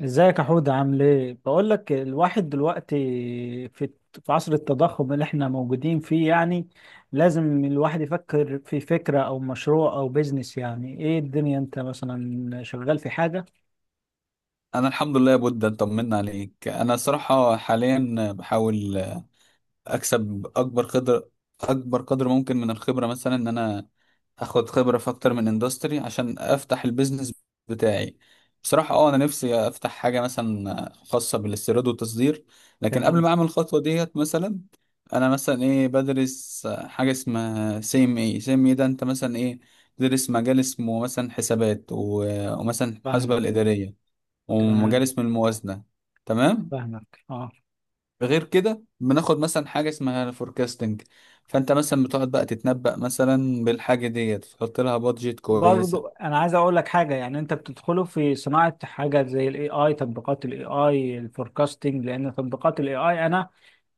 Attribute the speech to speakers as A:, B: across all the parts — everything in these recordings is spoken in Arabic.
A: ازيك يا حود، عامل ايه؟ بقول لك، الواحد دلوقتي في في عصر التضخم اللي احنا موجودين فيه، يعني لازم الواحد يفكر في فكرة او مشروع او بيزنس، يعني ايه الدنيا؟ انت مثلا شغال في حاجة؟
B: انا الحمد لله يا بود، انت طمنا عليك. انا الصراحه حاليا بحاول اكسب اكبر قدر اكبر قدر ممكن من الخبره، مثلا ان انا اخد خبره في اكتر من اندستري عشان افتح البيزنس بتاعي. بصراحه اه، انا نفسي افتح حاجه مثلا خاصه بالاستيراد والتصدير، لكن قبل
A: تمام.
B: ما اعمل الخطوه ديت، مثلا انا مثلا ايه بدرس حاجه اسمها سي ام اي. سي ام اي ده انت مثلا ايه تدرس مجال اسمه مثلا حسابات ومثلا المحاسبه
A: فاهم.
B: الاداريه، ومجال
A: تمام.
B: اسم الموازنة. تمام.
A: فاهمك. اه.
B: غير كده بناخد مثلا حاجة اسمها فوركاستنج، فانت مثلا بتقعد بقى تتنبأ مثلا بالحاجة ديت، تحط لها بادجت
A: برضو
B: كويسة.
A: انا عايز اقول لك حاجه، يعني انت بتدخله في صناعه حاجه زي الاي اي، تطبيقات الاي اي الفوركاستنج، لان تطبيقات الاي اي، انا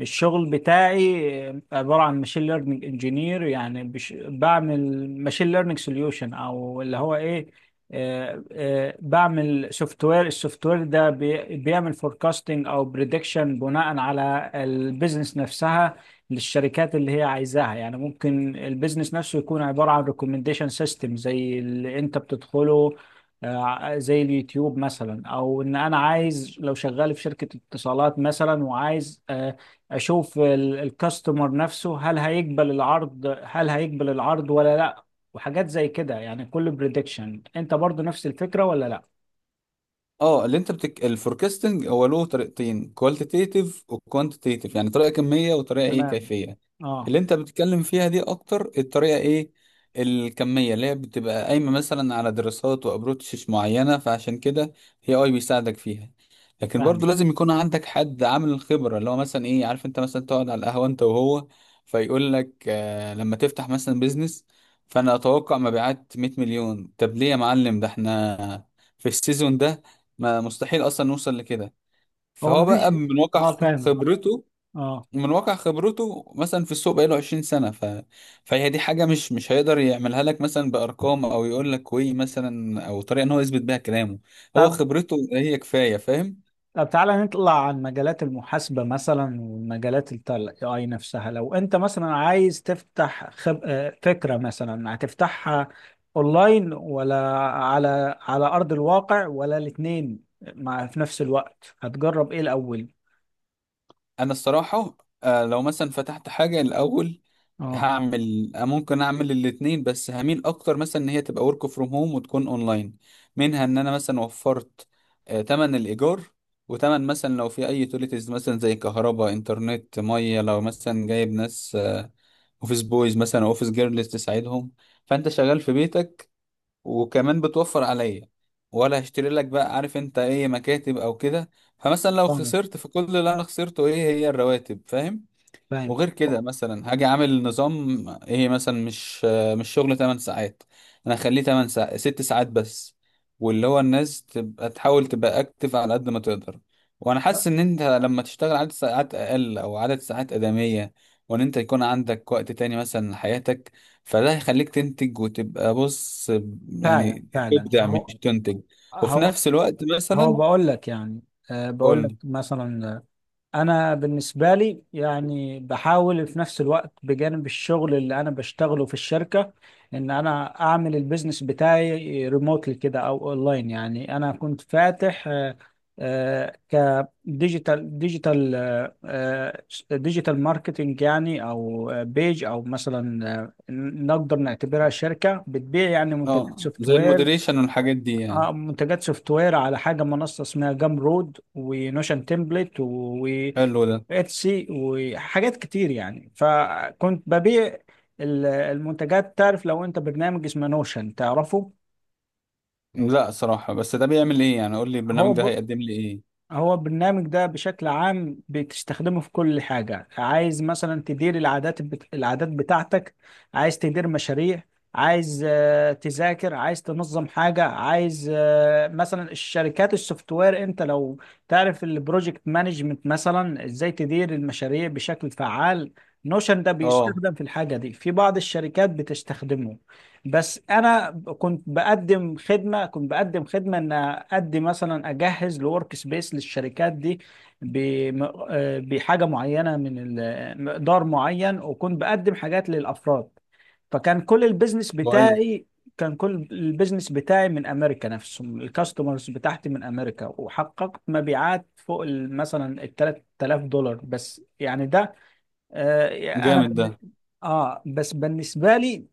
A: الشغل بتاعي عبارة عن ماشين ليرنينج انجينير، يعني بعمل ماشين ليرنينج سوليوشن، او اللي هو ايه، بعمل سوفت وير. السوفت وير ده بيعمل فوركاستنج او بريدكشن بناء على البيزنس نفسها للشركات اللي هي عايزاها. يعني ممكن البيزنس نفسه يكون عبارة عن ريكومنديشن سيستم زي اللي انت بتدخله، زي اليوتيوب مثلا، او ان انا عايز، لو شغال في شركة اتصالات مثلا، وعايز اشوف الكاستمر نفسه، هل هيقبل العرض، هل هيقبل العرض ولا لا، وحاجات زي كده. يعني كل بريدكشن انت برضو نفس الفكرة ولا لا؟
B: اه، اللي انت الفوركاستنج هو له طريقتين: كوالتيتيف وكوانتيتيف، يعني طريقه كميه وطريقه ايه
A: تمام.
B: كيفيه.
A: اه.
B: اللي انت بتتكلم فيها دي اكتر الطريقه ايه الكميه، اللي هي بتبقى قايمه مثلا على دراسات وابروتشز معينه. فعشان كده هي اي بيساعدك فيها، لكن
A: فاهم.
B: برضو لازم يكون عندك حد عامل الخبره، اللي هو مثلا ايه، عارف، انت مثلا تقعد على القهوه انت وهو، فيقول لك آه لما تفتح مثلا بيزنس، فانا اتوقع مبيعات 100 مليون. طب ليه يا معلم؟ ده احنا في السيزون ده ما مستحيل اصلا نوصل لكده.
A: هو
B: فهو بقى
A: مفيش.
B: من واقع
A: اه، فاهمة.
B: خبرته،
A: اه.
B: من واقع خبرته مثلا في السوق، بقاله 20 سنة فهي دي حاجة مش هيقدر يعملها لك مثلا بأرقام، أو يقول لك وي مثلا، أو طريقة إن هو يثبت بيها كلامه. هو
A: طب
B: خبرته هي كفاية، فاهم.
A: طب تعالى نطلع عن مجالات المحاسبة مثلا، ومجالات ال AI نفسها. لو انت مثلا عايز تفتح خب... آه، فكرة، مثلا هتفتحها اونلاين، ولا على ارض الواقع، ولا الاتنين مع في نفس الوقت؟ هتجرب ايه الاول؟
B: أنا الصراحة لو مثلا فتحت حاجة الأول،
A: اه،
B: هعمل، ممكن اعمل الاتنين، بس هميل اكتر مثلا ان هي تبقى ورك فروم هوم وتكون اونلاين. منها ان انا مثلا وفرت تمن الايجار، وتمن مثلا لو في اي يوتيليتيز مثلا زي كهرباء، انترنت، ميه. لو مثلا جايب ناس، اوفيس بويز مثلا او اوفيس جيرلز تساعدهم، فانت شغال في بيتك، وكمان بتوفر عليا، ولا هشتري لك بقى، عارف انت، ايه، مكاتب او كده. فمثلا لو
A: فاهم،
B: خسرت، فكل اللي انا خسرته ايه هي الرواتب، فاهم.
A: فاهم.
B: وغير كده مثلا هاجي عامل نظام ايه مثلا، مش شغل 8 ساعات، انا هخليه 8 ساعات، 6 ساعات بس، واللي هو الناس تبقى تحاول تبقى اكتف على قد ما تقدر. وانا حاسس ان انت لما تشتغل عدد ساعات اقل، او عدد ساعات ادمية، وان انت يكون عندك وقت تاني مثلا لحياتك، فده هيخليك تنتج وتبقى، بص يعني،
A: فعلا فعلا.
B: تبدع مش تنتج. وفي
A: هو
B: نفس الوقت
A: هو
B: مثلا،
A: بقول لك، يعني بقول لك
B: قول.
A: مثلا، انا بالنسبه لي، يعني بحاول في نفس الوقت بجانب الشغل اللي انا بشتغله في الشركه، ان انا اعمل البيزنس بتاعي ريموتلي كده او اونلاين. يعني انا كنت فاتح آه، آه، كديجيتال ديجيتال ديجيتال ماركتنج يعني، او بيج، او مثلا نقدر نعتبرها شركه بتبيع يعني منتجات
B: اه،
A: سوفت
B: زي
A: وير،
B: المودريشن والحاجات دي يعني.
A: منتجات سوفت وير على حاجه، منصه اسمها جام رود ونوشن تمبلت و
B: حلو ده.
A: اتسي، وحاجات كتير. يعني فكنت ببيع المنتجات. تعرف لو انت برنامج اسمه نوشن؟ تعرفه؟
B: لا صراحة، بس ده بيعمل ايه يعني؟ قول لي
A: هو
B: البرنامج ده
A: ب...
B: هيقدم لي ايه.
A: هو البرنامج ده بشكل عام بتستخدمه في كل حاجة، عايز مثلا تدير العادات العادات بتاعتك، عايز تدير مشاريع، عايز تذاكر، عايز تنظم حاجة، عايز مثلا الشركات السوفت وير، انت لو تعرف البروجكت مانجمنت، مثلا ازاي تدير المشاريع بشكل فعال، نوشن ده
B: اه.
A: بيستخدم في الحاجة دي، في بعض الشركات بتستخدمه. بس انا كنت بقدم خدمه، ان اقدم مثلا، اجهز لورك سبيس للشركات دي بم- بحاجه معينه، من مقدار معين، وكنت بقدم حاجات للافراد. فكان كل البيزنس
B: كويس.
A: بتاعي كان كل البيزنس بتاعي من امريكا، نفسهم الكاستمرز بتاعتي من امريكا، وحققت مبيعات فوق مثلا ال $3000، بس يعني ده آه، انا
B: جامد
A: بن-
B: ده.
A: اه، بس بالنسبه لي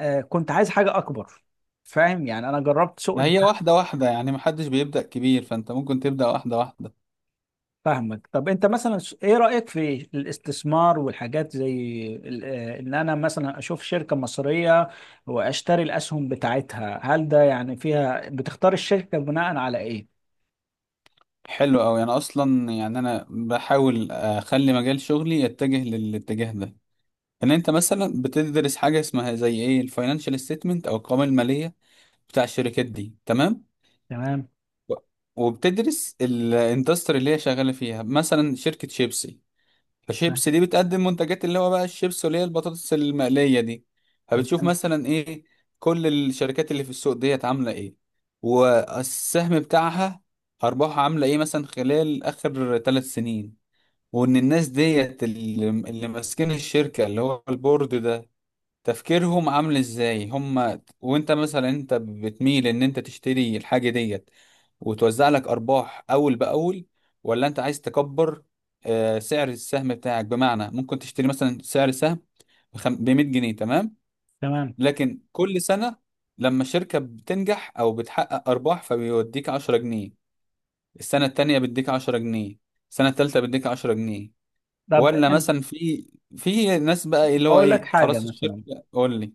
A: كنت عايز حاجة أكبر. فاهم يعني، أنا جربت سوق
B: ما هي واحدة واحدة يعني، محدش بيبدأ كبير، فانت ممكن تبدأ واحدة واحدة.
A: فاهمك. طب أنت مثلا إيه رأيك في الاستثمار والحاجات زي إن أنا مثلا أشوف شركة مصرية وأشتري الأسهم بتاعتها؟ هل ده يعني، فيها بتختار الشركة بناء على إيه؟
B: حلو أوي، أنا أصلا يعني أنا بحاول أخلي مجال شغلي يتجه للاتجاه ده. إن أنت مثلا بتدرس حاجة اسمها زي إيه الفاينانشال ستيتمنت أو القوائم المالية بتاع الشركات دي، تمام،
A: تمام.
B: و- وبتدرس الاندستري اللي هي شغالة فيها، مثلا شركة شيبسي.
A: تمام.
B: فشيبس دي بتقدم منتجات اللي هو بقى الشيبس، اللي هي البطاطس المقلية دي. فبتشوف
A: تمام.
B: مثلا ايه كل الشركات اللي في السوق ديت عاملة ايه، والسهم بتاعها، أرباحها عاملة ايه مثلا خلال آخر ثلاث سنين. وإن الناس ديت اللي ماسكين الشركة، اللي هو البورد ده، تفكيرهم عامل ازاي. هم وانت مثلا، انت بتميل ان انت تشتري الحاجة ديت وتوزع لك ارباح اول باول، ولا انت عايز تكبر سعر السهم بتاعك؟ بمعنى ممكن تشتري مثلا سعر السهم ب 100 جنيه، تمام،
A: تمام.
B: لكن كل سنة لما الشركة بتنجح او بتحقق ارباح، فبيوديك 10 جنيه، السنة التانية بيديك 10 جنيه، السنة التالتة بيديك 10 جنيه.
A: طب
B: ولا
A: أنت،
B: مثلا في، في ناس بقى اللي هو
A: بقول لك
B: ايه،
A: حاجة
B: خلاص
A: مثلا،
B: الشركة قول لي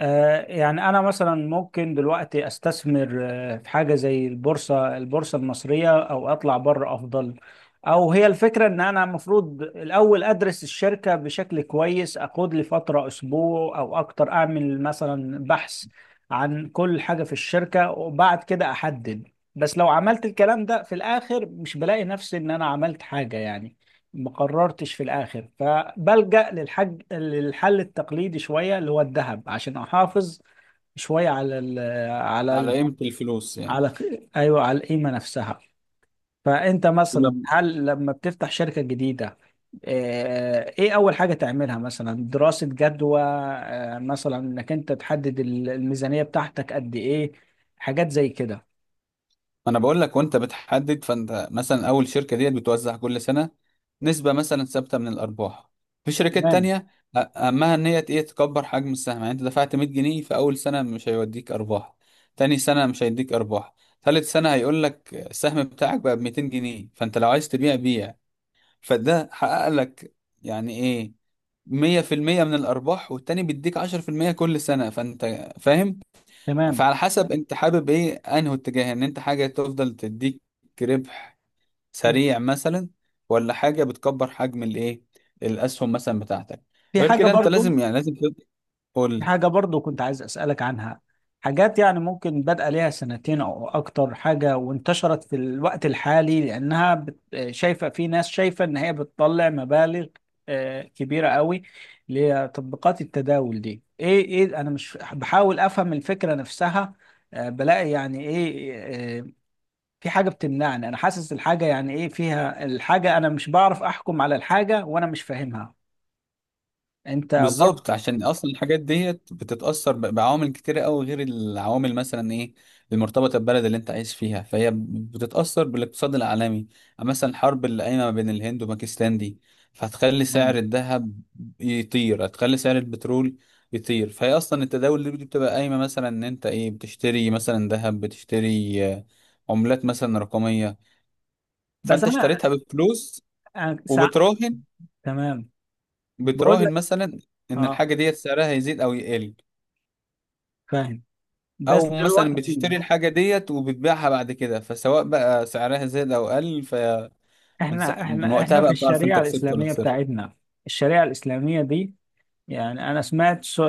A: يعني أنا مثلا ممكن دلوقتي أستثمر في حاجة زي البورصة المصرية، أو أطلع بره أفضل؟ أو هي الفكرة إن أنا المفروض الأول أدرس الشركة بشكل كويس، أخد لي فترة أسبوع أو أكتر، أعمل مثلا بحث عن كل حاجة في الشركة وبعد كده أحدد؟ بس لو عملت الكلام ده، في الآخر مش بلاقي نفسي إن أنا عملت حاجة، يعني ما قررتش في الاخر. فبلجأ للحل التقليدي شويه، اللي هو الذهب، عشان احافظ شويه على
B: على
A: ال
B: قيمة الفلوس يعني.
A: على، ايوه، على القيمه نفسها. فانت
B: انا،
A: مثلا، هل لما بتفتح شركه جديده ايه اول حاجه تعملها؟ مثلا دراسه جدوى، مثلا انك انت تحدد الميزانيه بتاعتك قد ايه، حاجات زي كده؟
B: انا بقول لك، وانت بتحدد، فانت مثلا اول شركة ديت بتوزع كل سنة نسبة مثلا ثابتة من الارباح. في شركات
A: تمام.
B: تانية اهمها ان هي ايه تكبر حجم السهم. يعني انت دفعت 100 جنيه في اول سنة مش هيوديك ارباح، تاني سنة مش هيديك ارباح، ثالث سنة هيقول لك السهم بتاعك بقى ب 200 جنيه، فانت لو عايز تبيع بيع. فده حقق لك يعني ايه 100% من الارباح، والتاني بيديك 10% كل سنة، فانت فاهم.
A: تمام.
B: فعلى حسب انت حابب ايه، انهي اتجاه، ان انت حاجة تفضل تديك ربح سريع مثلا، ولا حاجة بتكبر حجم الايه الاسهم مثلا بتاعتك.
A: في
B: غير
A: حاجه
B: كده انت
A: برضو،
B: لازم، يعني لازم
A: في
B: تقول،
A: حاجة برضو كنت عايز أسألك عنها. حاجات يعني ممكن بدأ ليها سنتين أو أكتر، حاجة وانتشرت في الوقت الحالي، لأنها شايفة في ناس شايفة إن هي بتطلع مبالغ كبيرة قوي لتطبيقات التداول دي. إيه أنا مش بحاول أفهم الفكرة نفسها، بلاقي يعني إيه، آه، في حاجة بتمنعني. أنا حاسس الحاجة يعني إيه فيها الحاجة، أنا مش بعرف أحكم على الحاجة وأنا مش فاهمها. أنت برضو؟
B: بالظبط، عشان اصلا الحاجات ديت بتتاثر بعوامل كتيره قوي، غير العوامل مثلا ايه المرتبطه بالبلد اللي انت عايش فيها، فهي بتتاثر بالاقتصاد العالمي. يعني مثلا الحرب اللي قايمه ما بين الهند وباكستان دي، فهتخلي سعر
A: تمام.
B: الذهب يطير، هتخلي سعر البترول يطير. فهي اصلا التداول دي بتبقى قايمه مثلا ان انت ايه بتشتري مثلا ذهب، بتشتري عملات مثلا رقميه،
A: بس
B: فانت
A: أنا،
B: اشتريتها بفلوس
A: أنا سع...
B: وبتراهن،
A: تمام، بقول
B: بتراهن
A: لك.
B: مثلا ان
A: اه،
B: الحاجه ديت سعرها هيزيد او يقل.
A: فاهم. بس
B: او مثلا
A: دلوقتي،
B: بتشتري الحاجه ديت وبتبيعها بعد كده، فسواء بقى سعرها زاد او قل،
A: احنا
B: من
A: احنا
B: وقتها
A: احنا في
B: بقى بتعرف انت
A: الشريعة
B: كسبت ولا
A: الإسلامية
B: خسرت.
A: بتاعتنا، الشريعة الإسلامية دي، يعني أنا سمعت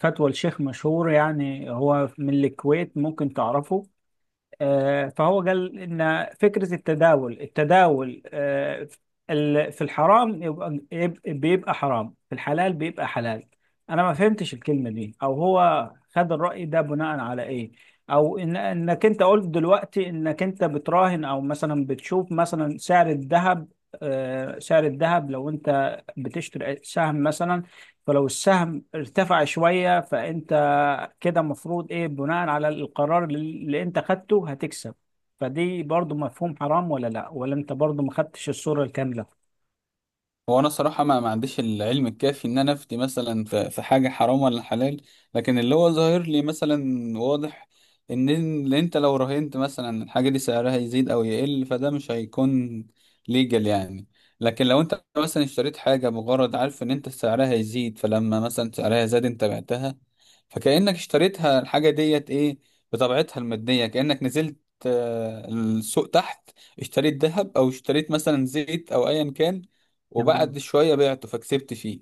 A: فتوى الشيخ مشهور، يعني هو من الكويت، ممكن تعرفه. فهو قال ان فكره التداول في الحرام يبقى، بيبقى حرام، في الحلال بيبقى حلال. انا ما فهمتش الكلمه دي، او هو خد الراي ده بناء على ايه؟ او إن انك انت قلت دلوقتي انك انت بتراهن، او مثلا بتشوف مثلا سعر الذهب، لو انت بتشتري سهم مثلا، فلو السهم ارتفع شويه، فانت كده المفروض ايه، بناء على القرار اللي انت خدته هتكسب. فدي برضو مفهوم حرام ولا لا؟ ولا انت برضو ما خدتش الصورة الكاملة؟
B: هو انا صراحه ما عنديش العلم الكافي ان انا افتي مثلا في حاجه حرام ولا حلال، لكن اللي هو ظاهر لي مثلا واضح، ان إن انت لو راهنت مثلا الحاجه دي سعرها يزيد او يقل، فده مش هيكون ليجل يعني. لكن لو انت مثلا اشتريت حاجه بغرض، عارف ان انت سعرها يزيد، فلما مثلا سعرها زاد انت بعتها، فكانك اشتريتها الحاجه ديت ايه بطبيعتها الماديه، كانك نزلت السوق تحت، اشتريت ذهب، او اشتريت مثلا زيت، او ايا كان،
A: تمام.
B: وبعد شوية بعته فكسبت فيه.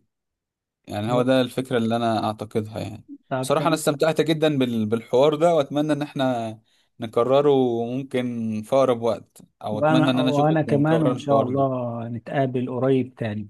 B: يعني هو ده الفكرة اللي أنا أعتقدها يعني.
A: طب،
B: صراحة أنا
A: تمام.
B: استمتعت جدا بالحوار ده، وأتمنى إن إحنا نكرره، ممكن في أقرب وقت، أو أتمنى
A: وانا
B: إن أنا
A: وانا
B: أشوفك
A: كمان،
B: ونكرر
A: وان شاء
B: الحوار ده.
A: الله نتقابل قريب تاني.